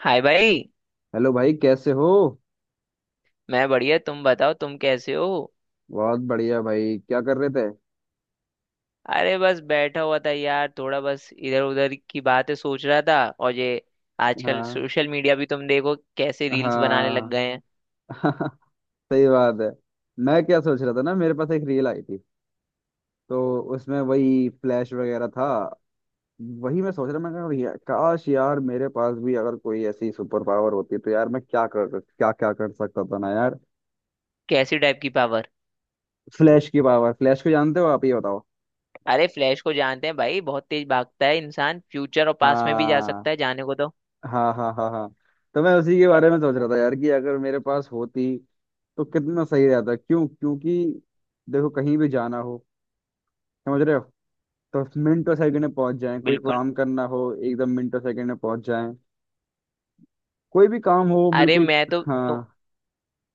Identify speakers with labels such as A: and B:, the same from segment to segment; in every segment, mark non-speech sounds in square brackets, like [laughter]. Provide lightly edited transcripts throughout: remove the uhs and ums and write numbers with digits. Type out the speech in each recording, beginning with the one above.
A: हाय भाई।
B: हेलो भाई, कैसे हो?
A: मैं बढ़िया, तुम बताओ तुम कैसे हो।
B: बहुत बढ़िया भाई। क्या कर रहे थे?
A: अरे बस बैठा हुआ था यार, थोड़ा बस इधर उधर की बातें सोच रहा था। और ये आजकल
B: हाँ।
A: सोशल मीडिया भी तुम देखो कैसे रील्स बनाने लग
B: हाँ।
A: गए हैं।
B: [laughs] सही बात है। मैं क्या सोच रहा था ना, मेरे पास एक रील आई थी। तो उसमें वही फ्लैश वगैरह था। वही मैं सोच रहा, मैं कहा यार, काश यार मेरे पास भी अगर कोई ऐसी सुपर पावर होती तो यार मैं क्या क्या कर सकता था ना यार।
A: कैसी टाइप की पावर?
B: फ्लैश की पावर। फ्लैश को जानते हो आप? ये बताओ।
A: अरे फ्लैश को जानते हैं भाई, बहुत तेज भागता है इंसान, फ्यूचर और पास्ट में भी जा
B: हाँ,
A: सकता है जाने को तो।
B: हाँ, हाँ, हाँ, हाँ। तो मैं उसी के बारे में सोच रहा था यार कि अगर मेरे पास होती तो कितना सही रहता। क्यों? क्योंकि देखो, कहीं भी जाना हो, समझ रहे हो, तो मिनटों सेकंड में पहुंच जाएं। कोई
A: बिल्कुल।
B: काम करना हो एकदम मिनटों सेकंड में पहुंच जाएं। कोई भी काम हो,
A: अरे
B: बिल्कुल।
A: मैं तो,
B: हाँ।
A: तो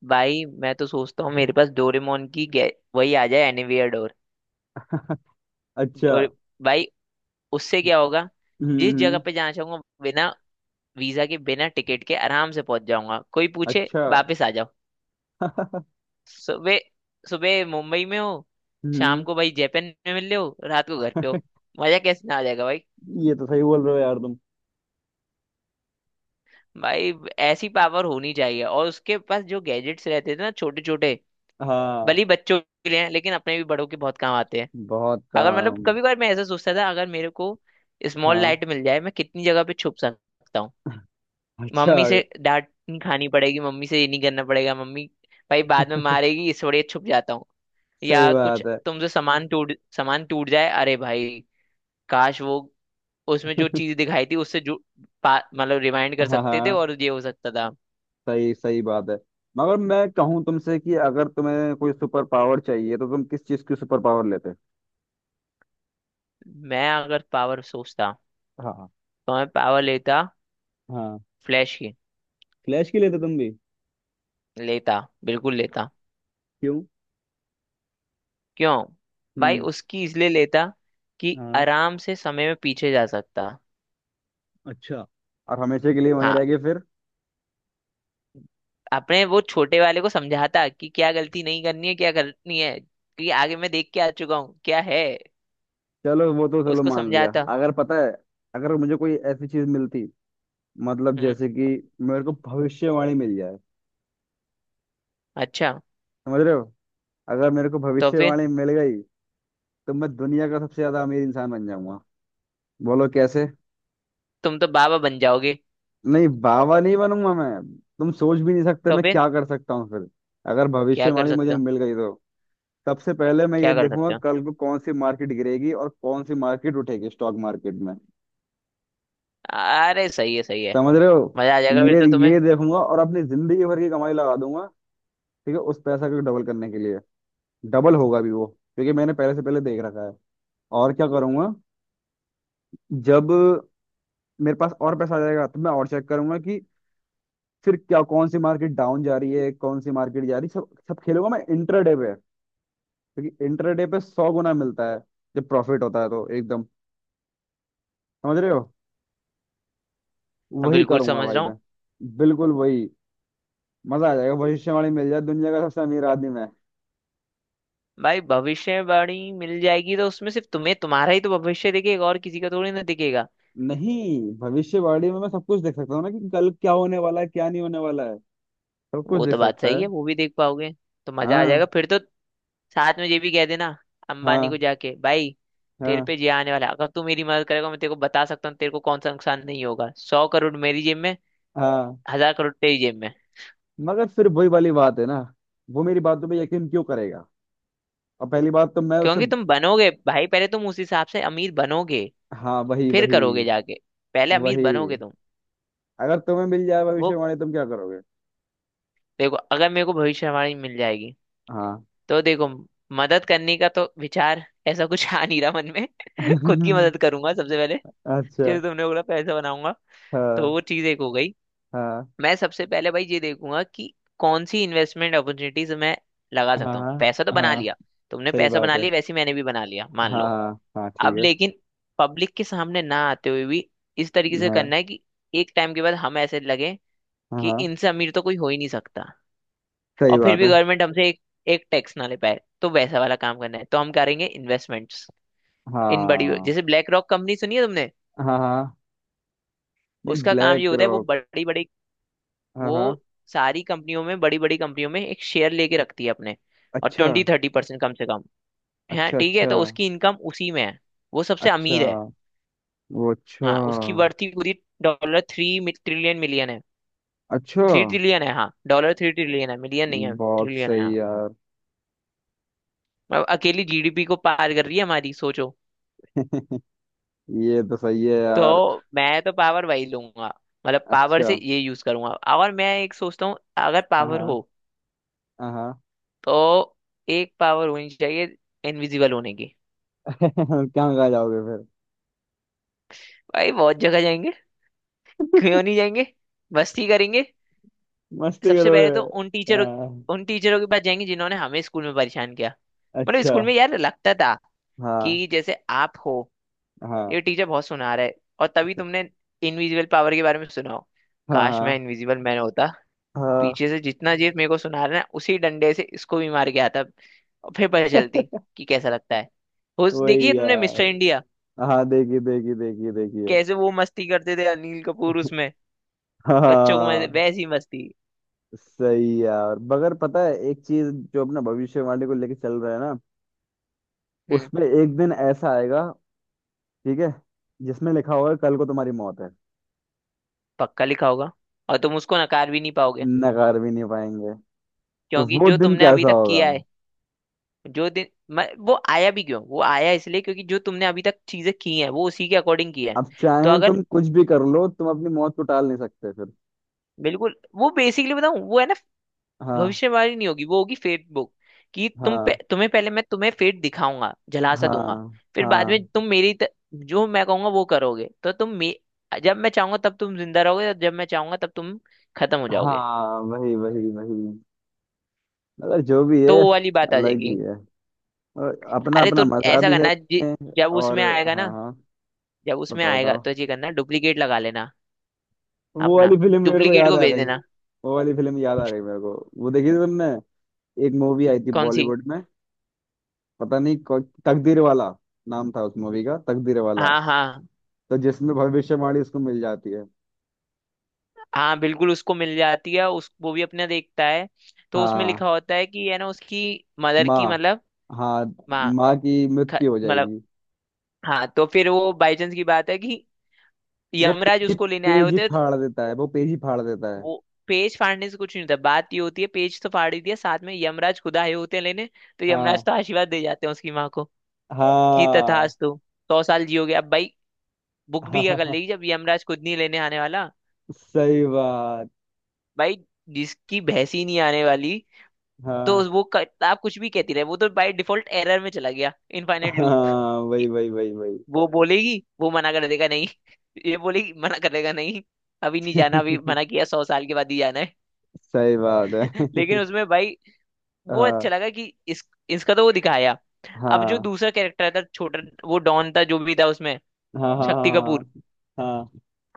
A: भाई मैं तो सोचता हूँ मेरे पास डोरेमोन की वही आ जाए एनीवेयर डोर
B: [laughs] अच्छा।
A: डोर भाई, उससे क्या होगा?
B: हम्म,
A: जिस जगह पे जाना चाहूंगा बिना वीजा के, बिना टिकट के आराम से पहुंच जाऊंगा। कोई पूछे
B: अच्छा।
A: वापस आ जाओ।
B: [laughs]
A: सुबह सुबह मुंबई में हो, शाम
B: हम्म।
A: को भाई जापान में मिल रहे हो, रात को घर पे हो। मजा कैसे ना आ जाएगा भाई।
B: ये तो सही बोल रहे हो यार तुम।
A: भाई ऐसी पावर होनी चाहिए। और उसके पास जो गैजेट्स रहते थे ना छोटे छोटे, भले
B: हाँ।
A: ही बच्चों के लिए हैं लेकिन अपने भी बड़ों के बहुत काम आते हैं।
B: बहुत
A: अगर मतलब
B: काम।
A: कभी कभार मैं ऐसा सोचता था, अगर मेरे को स्मॉल
B: हाँ।
A: लाइट मिल जाए मैं कितनी जगह पे छुप सकता हूँ।
B: अच्छा।
A: मम्मी से डांट नहीं खानी पड़ेगी, मम्मी से ये नहीं करना पड़ेगा। मम्मी भाई बाद में मारेगी, इस बड़े छुप जाता हूँ।
B: सही
A: या कुछ
B: बात है।
A: तुमसे सामान टूट जाए, अरे भाई काश वो उसमें जो
B: [laughs]
A: चीज दिखाई थी उससे जो मतलब रिमाइंड कर
B: हाँ,
A: सकते थे
B: हाँ।
A: और ये हो सकता था।
B: सही सही बात है। मगर मैं कहूँ तुमसे कि अगर तुम्हें कोई सुपर पावर चाहिए तो तुम किस चीज की सुपर पावर लेते?
A: मैं अगर पावर सोचता
B: हाँ,
A: तो मैं पावर लेता
B: हाँ।
A: फ्लैश की।
B: फ्लैश की लेते तुम भी?
A: लेता, बिल्कुल लेता।
B: क्यों?
A: क्यों? भाई
B: हम्म।
A: उसकी इसलिए लेता कि
B: हाँ।
A: आराम से समय में पीछे जा सकता।
B: अच्छा। और हमेशा के लिए वहीं
A: हाँ,
B: रह गए फिर?
A: अपने वो छोटे वाले को समझाता कि क्या गलती नहीं करनी है क्या करनी है, कि आगे मैं देख के आ चुका हूँ क्या है।
B: चलो वो तो चलो
A: उसको
B: मान लिया।
A: समझाता।
B: अगर पता है, अगर मुझे कोई ऐसी चीज मिलती, मतलब
A: हम्म।
B: जैसे कि मेरे को भविष्यवाणी मिल जाए,
A: अच्छा।
B: समझ रहे हो? अगर मेरे को
A: तो फिर
B: भविष्यवाणी मिल गई तो मैं दुनिया का सबसे ज्यादा अमीर इंसान बन जाऊंगा। बोलो कैसे?
A: तुम तो बाबा बन जाओगे।
B: नहीं, बाबा नहीं बनूंगा मैं। तुम सोच भी नहीं सकते
A: तो
B: मैं
A: फिर
B: क्या कर सकता हूँ फिर। अगर
A: क्या कर
B: भविष्यवाणी
A: सकते
B: मुझे
A: हो?
B: मिल गई तो सबसे पहले मैं ये
A: क्या कर
B: देखूंगा
A: सकते हो?
B: कल को कौन सी मार्केट गिरेगी और कौन सी मार्केट उठेगी स्टॉक मार्केट में।
A: अरे सही है, सही है।
B: समझ रहे हो?
A: मजा आ जाएगा फिर
B: ये
A: तो तुम्हें।
B: ये देखूंगा और अपनी जिंदगी भर की कमाई लगा दूंगा। ठीक है, उस पैसा को डबल करने के लिए। डबल होगा भी वो, क्योंकि मैंने पहले से पहले देख रखा है। और क्या करूंगा? जब मेरे पास और पैसा आ जाएगा तो मैं और चेक करूंगा कि फिर क्या, कौन सी मार्केट डाउन जा रही है, कौन सी मार्केट जा रही है। सब सब खेलूंगा मैं इंट्राडे पे, क्योंकि इंटरडे पे 100 गुना मिलता है जब प्रॉफिट होता है, तो एकदम। समझ रहे हो?
A: मैं
B: वही
A: बिल्कुल
B: करूंगा
A: समझ
B: भाई
A: रहा
B: मैं।
A: हूँ।
B: बिल्कुल वही। मजा आ जाएगा भविष्यवाणी मिल जाए, दुनिया का सबसे अमीर आदमी मैं।
A: भाई भविष्यवाणी मिल जाएगी तो उसमें सिर्फ तुम्हें तुम्हारा ही तो भविष्य दिखेगा, और किसी का थोड़ी ना दिखेगा।
B: नहीं, भविष्यवाणी में मैं सब कुछ देख सकता हूँ ना, कि कल क्या होने वाला है, क्या नहीं होने वाला है। सब कुछ
A: वो
B: देख
A: तो बात
B: सकता
A: सही
B: है।
A: है, वो भी देख पाओगे तो मजा आ
B: हाँ,
A: जाएगा फिर तो। साथ में ये भी कह देना अंबानी को
B: हाँ,
A: जाके भाई, तेरे
B: हाँ,
A: पे जे आने वाला है, अगर तू मेरी मदद करेगा मैं तेरे को बता सकता हूँ तेरे को कौन सा नुकसान नहीं होगा। 100 करोड़ मेरी जेब में,
B: हाँ।
A: 1000 करोड़ तेरी जेब में।
B: मगर फिर वही वाली बात है ना, वो मेरी बातों पे यकीन क्यों करेगा? और पहली बात तो मैं उसे।
A: क्योंकि तुम बनोगे भाई, पहले तुम उस हिसाब से अमीर बनोगे
B: हाँ, वही
A: फिर
B: वही
A: करोगे जाके। पहले अमीर
B: वही।
A: बनोगे तुम।
B: अगर तुम्हें मिल जाए
A: वो
B: भविष्यवाणी, तुम क्या करोगे?
A: देखो अगर मेरे को भविष्यवाणी मिल जाएगी
B: हाँ।
A: तो देखो, मदद करने का तो विचार ऐसा कुछ आ नहीं रहा मन में। [laughs] खुद की मदद
B: [laughs]
A: करूंगा सबसे पहले।
B: अच्छा।
A: जैसे तुमने बोला पैसा बनाऊंगा, तो
B: हाँ,
A: वो चीज एक हो गई।
B: हाँ,
A: मैं सबसे पहले भाई ये देखूंगा कि कौन सी इन्वेस्टमेंट अपॉर्चुनिटीज मैं लगा सकता हूँ।
B: हाँ,
A: पैसा तो बना
B: हाँ।
A: लिया, तुमने
B: सही
A: पैसा
B: बात
A: बना
B: है।
A: लिया वैसे ही मैंने भी बना लिया
B: हाँ,
A: मान लो।
B: हाँ, हाँ, ठीक
A: अब
B: है।
A: लेकिन पब्लिक के सामने ना आते हुए भी इस तरीके से
B: हाँ,
A: करना है कि एक टाइम के बाद हम ऐसे लगे
B: हाँ,
A: कि
B: हाँ।
A: इनसे अमीर तो कोई हो ही नहीं सकता।
B: सही
A: और फिर
B: बात
A: भी
B: है।
A: गवर्नमेंट हमसे एक एक टैक्स ना ले पाए, तो वैसा वाला काम करना है। तो हम करेंगे इन्वेस्टमेंट्स इन बड़ी,
B: हाँ,
A: जैसे ब्लैक रॉक कंपनी सुनी है तुमने?
B: हाँ, हाँ। नहीं,
A: उसका काम ये
B: ब्लैक
A: होता है, वो
B: रॉक।
A: बड़ी बड़ी
B: हाँ,
A: वो
B: हाँ।
A: सारी कंपनियों में, बड़ी बड़ी कंपनियों में एक शेयर लेके रखती है अपने। और
B: अच्छा,
A: 20-30% कम से कम है,
B: अच्छा।
A: ठीक है।
B: अच्छा,
A: तो उसकी इनकम उसी में है, वो सबसे
B: अच्छा।
A: अमीर है।
B: वो,
A: हाँ उसकी
B: अच्छा।
A: वर्थ ही पूरी डॉलर 3 ट्रिलियन मिलियन है।
B: अच्छा।
A: 3 ट्रिलियन है, हाँ डॉलर 3 ट्रिलियन है, मिलियन नहीं है
B: बहुत
A: ट्रिलियन है,
B: सही
A: हाँ।
B: यार।
A: अब अकेली जीडीपी को पार कर रही है हमारी, सोचो।
B: [laughs] ये तो सही है यार।
A: तो मैं तो पावर वही लूंगा, मतलब पावर
B: अच्छा।
A: से ये यूज करूंगा। और मैं एक सोचता हूँ अगर पावर
B: हाँ,
A: हो
B: हाँ, हाँ।
A: तो एक पावर होनी चाहिए इनविजिबल होने की।
B: [laughs] क्या खा जाओगे फिर?
A: भाई बहुत जगह जाएंगे, क्यों नहीं जाएंगे, मस्ती करेंगे।
B: मस्ती
A: सबसे
B: करोगे?
A: पहले तो उन टीचरों
B: हाँ।
A: उन टीचरों के पास जाएंगे जिन्होंने हमें स्कूल में परेशान किया। मतलब
B: अच्छा।
A: स्कूल में यार लगता था
B: हाँ।
A: कि जैसे आप हो,
B: हाँ।
A: ये टीचर बहुत सुना रहा है, और तभी तुमने इनविजिबल पावर के बारे में सुना हो,
B: हाँ।
A: काश मैं
B: हाँ।
A: इनविजिबल मैन होता।
B: हाँ।
A: पीछे से जितना जीत मेरे को सुना रहा है ना, उसी डंडे से इसको भी मार के आता और फिर पता चलती कि कैसा लगता है। उस देखिए
B: वही
A: तुमने
B: यार।
A: मिस्टर इंडिया,
B: हाँ, देखिए, देखिए, देखिए, देखिए।
A: कैसे वो मस्ती करते थे अनिल कपूर उसमें, बच्चों को मजे
B: हाँ।
A: वैसी मस्ती।
B: सही यार, मगर पता है एक चीज, जो अपना भविष्यवाणी को लेके चल रहा है ना,
A: हम्म।
B: उसमें एक दिन ऐसा आएगा, ठीक है, जिसमें लिखा होगा कल को तुम्हारी मौत है।
A: पक्का लिखा होगा और तुम उसको नकार भी नहीं पाओगे
B: नकार भी नहीं पाएंगे। तो
A: क्योंकि
B: वो
A: जो
B: दिन
A: तुमने अभी
B: कैसा
A: तक
B: होगा?
A: किया है। जो दिन वो आया भी क्यों, वो आया इसलिए क्योंकि जो तुमने अभी तक चीजें की हैं वो उसी के अकॉर्डिंग की है।
B: अब
A: तो
B: चाहे
A: अगर
B: तुम कुछ भी कर लो, तुम अपनी मौत को टाल नहीं सकते फिर।
A: बिल्कुल वो बेसिकली बताऊं वो है ना,
B: हाँ,
A: भविष्यवाणी नहीं होगी वो होगी फेट बुक। कि
B: हाँ,
A: तुम्हें पहले मैं तुम्हें फेट दिखाऊंगा, झलासा दूंगा।
B: हाँ,
A: फिर बाद
B: हाँ,
A: में तुम जो मैं कहूंगा वो करोगे तो जब मैं चाहूंगा तब तुम जिंदा रहोगे और जब मैं चाहूंगा तब तुम खत्म हो जाओगे।
B: हाँ, वही वही वही। मगर जो भी है,
A: तो वो वाली बात आ
B: अलग ही
A: जाएगी।
B: है। और अपना
A: अरे तो
B: अपना मजा
A: ऐसा
B: भी है।
A: करना जब
B: और
A: उसमें आएगा
B: हाँ,
A: ना,
B: हाँ।
A: जब उसमें
B: बताओ
A: आएगा
B: बताओ।
A: तो ये करना डुप्लीकेट लगा लेना।
B: वो
A: अपना
B: वाली फिल्म मेरे को
A: डुप्लीकेट
B: याद
A: को
B: आ
A: भेज
B: गई।
A: देना।
B: वो वाली फिल्म याद आ गई मेरे को। वो देखी थी तुमने? एक मूवी आई थी
A: कौन सी?
B: बॉलीवुड में। पता नहीं तकदीर वाला नाम था उस मूवी का, तकदीर वाला।
A: हाँ हाँ
B: तो जिसमें भविष्यवाणी उसको मिल जाती है।
A: हाँ, बिल्कुल उसको मिल जाती है, उस वो भी अपना देखता है। तो उसमें
B: हाँ।
A: लिखा होता है कि है ना उसकी मदर की,
B: माँ।
A: मतलब
B: हाँ।
A: माँ।
B: माँ की मृत्यु हो
A: मतलब
B: जाएगी।
A: हाँ तो फिर वो बाई चांस की बात है कि
B: वो
A: यमराज
B: पेज
A: उसको लेने आए
B: पेज ही
A: होते हैं।
B: फाड़ देता है, वो पेज ही फाड़ देता है।
A: वो पेज फाड़ने से कुछ नहीं होता, बात ये होती है पेज तो फाड़ ही दिया, साथ में यमराज खुद आए होते हैं लेने। तो यमराज
B: हाँ,
A: तो आशीर्वाद दे जाते हैं उसकी माँ को, कि
B: हाँ।
A: तथास्तु 100 साल जियोगे। अब भाई
B: [laughs]
A: बुक भी क्या कर
B: हाँ,
A: लेगी जब यमराज खुद नहीं लेने आने वाला।
B: सही बात।
A: भाई जिसकी भैंस ही नहीं आने वाली, तो
B: हाँ,
A: वो किताब कुछ भी कहती रहे, वो तो बाय डिफॉल्ट एरर में चला गया, इनफाइनाइट लूप।
B: हाँ, वही वही वही वही।
A: वो बोलेगी वो मना कर देगा नहीं, ये बोलेगी मना कर देगा नहीं। अभी नहीं जाना, अभी मना
B: [laughs]
A: किया, 100 साल के बाद ही जाना है।
B: सही बात
A: [laughs]
B: है।
A: लेकिन
B: [laughs]
A: उसमें भाई वो अच्छा
B: हाँ,
A: लगा कि इस इसका तो वो दिखाया। अब जो
B: हाँ,
A: दूसरा कैरेक्टर था छोटा, वो डॉन था जो भी था उसमें,
B: हाँ,
A: शक्ति
B: हाँ,
A: कपूर
B: हाँ,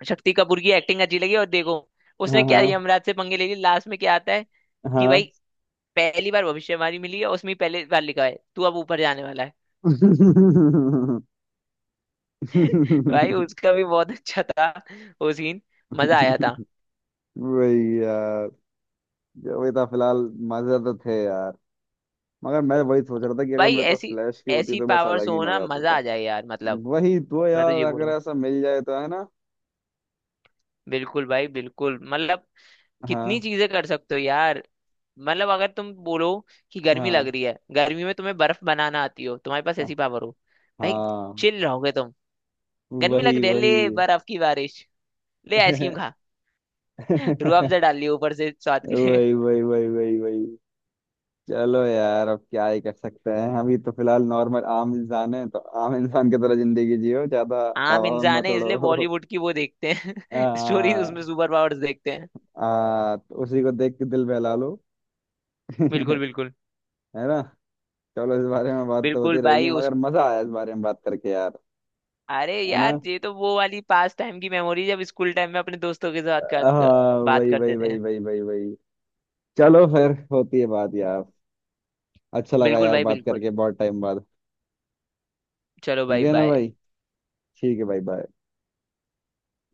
A: शक्ति कपूर की एक्टिंग अच्छी लगी। और देखो उसने
B: हाँ,
A: क्या
B: हाँ,
A: यमराज से पंगे ले लिए, लास्ट में क्या आता है
B: हाँ,
A: कि भाई
B: हाँ।
A: पहली बार भविष्यवाणी मिली है उसमें, पहले बार लिखा है तू अब ऊपर जाने वाला है। [laughs] भाई
B: [laughs]
A: उसका भी बहुत अच्छा था वो सीन, मजा आया था।
B: वही यार। वही था फिलहाल। मजे तो थे यार। मगर मैं वही सोच रहा था कि अगर
A: भाई
B: मेरे पास
A: ऐसी
B: फ्लैश की होती
A: ऐसी
B: तो बस
A: पावर्स
B: अलग ही
A: हो ना
B: मजा आता
A: मजा
B: था।
A: आ जाए यार, मतलब।
B: वही तो
A: मैं तो
B: यार,
A: ये
B: अगर
A: बोलूँ
B: ऐसा मिल जाए तो, है ना?
A: बिल्कुल भाई बिल्कुल, मतलब कितनी
B: हाँ,
A: चीजें कर सकते हो यार। मतलब अगर तुम बोलो कि गर्मी लग
B: हाँ,
A: रही है, गर्मी में तुम्हें बर्फ बनाना आती हो, तुम्हारे पास ऐसी पावर हो, भाई
B: हाँ,
A: चिल रहोगे तुम। गर्मी लग
B: वही
A: रही है,
B: वही।
A: ले बर्फ की बारिश,
B: [laughs]
A: ले आइसक्रीम
B: वही
A: खा। [laughs] रूह अफ़ज़ा डाल लियो ऊपर से स्वाद के लिए।
B: वही वही वही वही। चलो यार, अब क्या ही कर सकते हैं हम? ये तो फिलहाल नॉर्मल आम इंसान है, तो आम इंसान की तरह जिंदगी जियो ज्यादा।
A: [laughs] आम
B: हवा में
A: इंसान
B: मत
A: है इसलिए
B: उड़ो।
A: बॉलीवुड की वो देखते हैं
B: [laughs]
A: [laughs] स्टोरीज,
B: आ,
A: उसमें सुपर पावर्स देखते।
B: आ, तो उसी को देख के दिल बहला लो। [laughs]
A: बिल्कुल,
B: है
A: बिल्कुल,
B: ना। चलो, इस बारे में बात तो
A: बिल्कुल
B: होती रहेगी,
A: भाई। उस
B: मगर मजा आया इस बारे में बात करके यार।
A: अरे
B: है ना।
A: यार ये तो वो वाली पास टाइम की मेमोरी, जब स्कूल टाइम में अपने दोस्तों के साथ
B: हाँ,
A: बात
B: वही वही
A: करते थे।
B: वही वही वही वही। चलो, फिर होती है बात यार। अच्छा लगा
A: बिल्कुल
B: यार
A: भाई
B: बात
A: बिल्कुल।
B: करके बहुत टाइम बाद।
A: चलो
B: ठीक
A: भाई
B: है ना
A: बाय।
B: भाई? ठीक है भाई, बाय।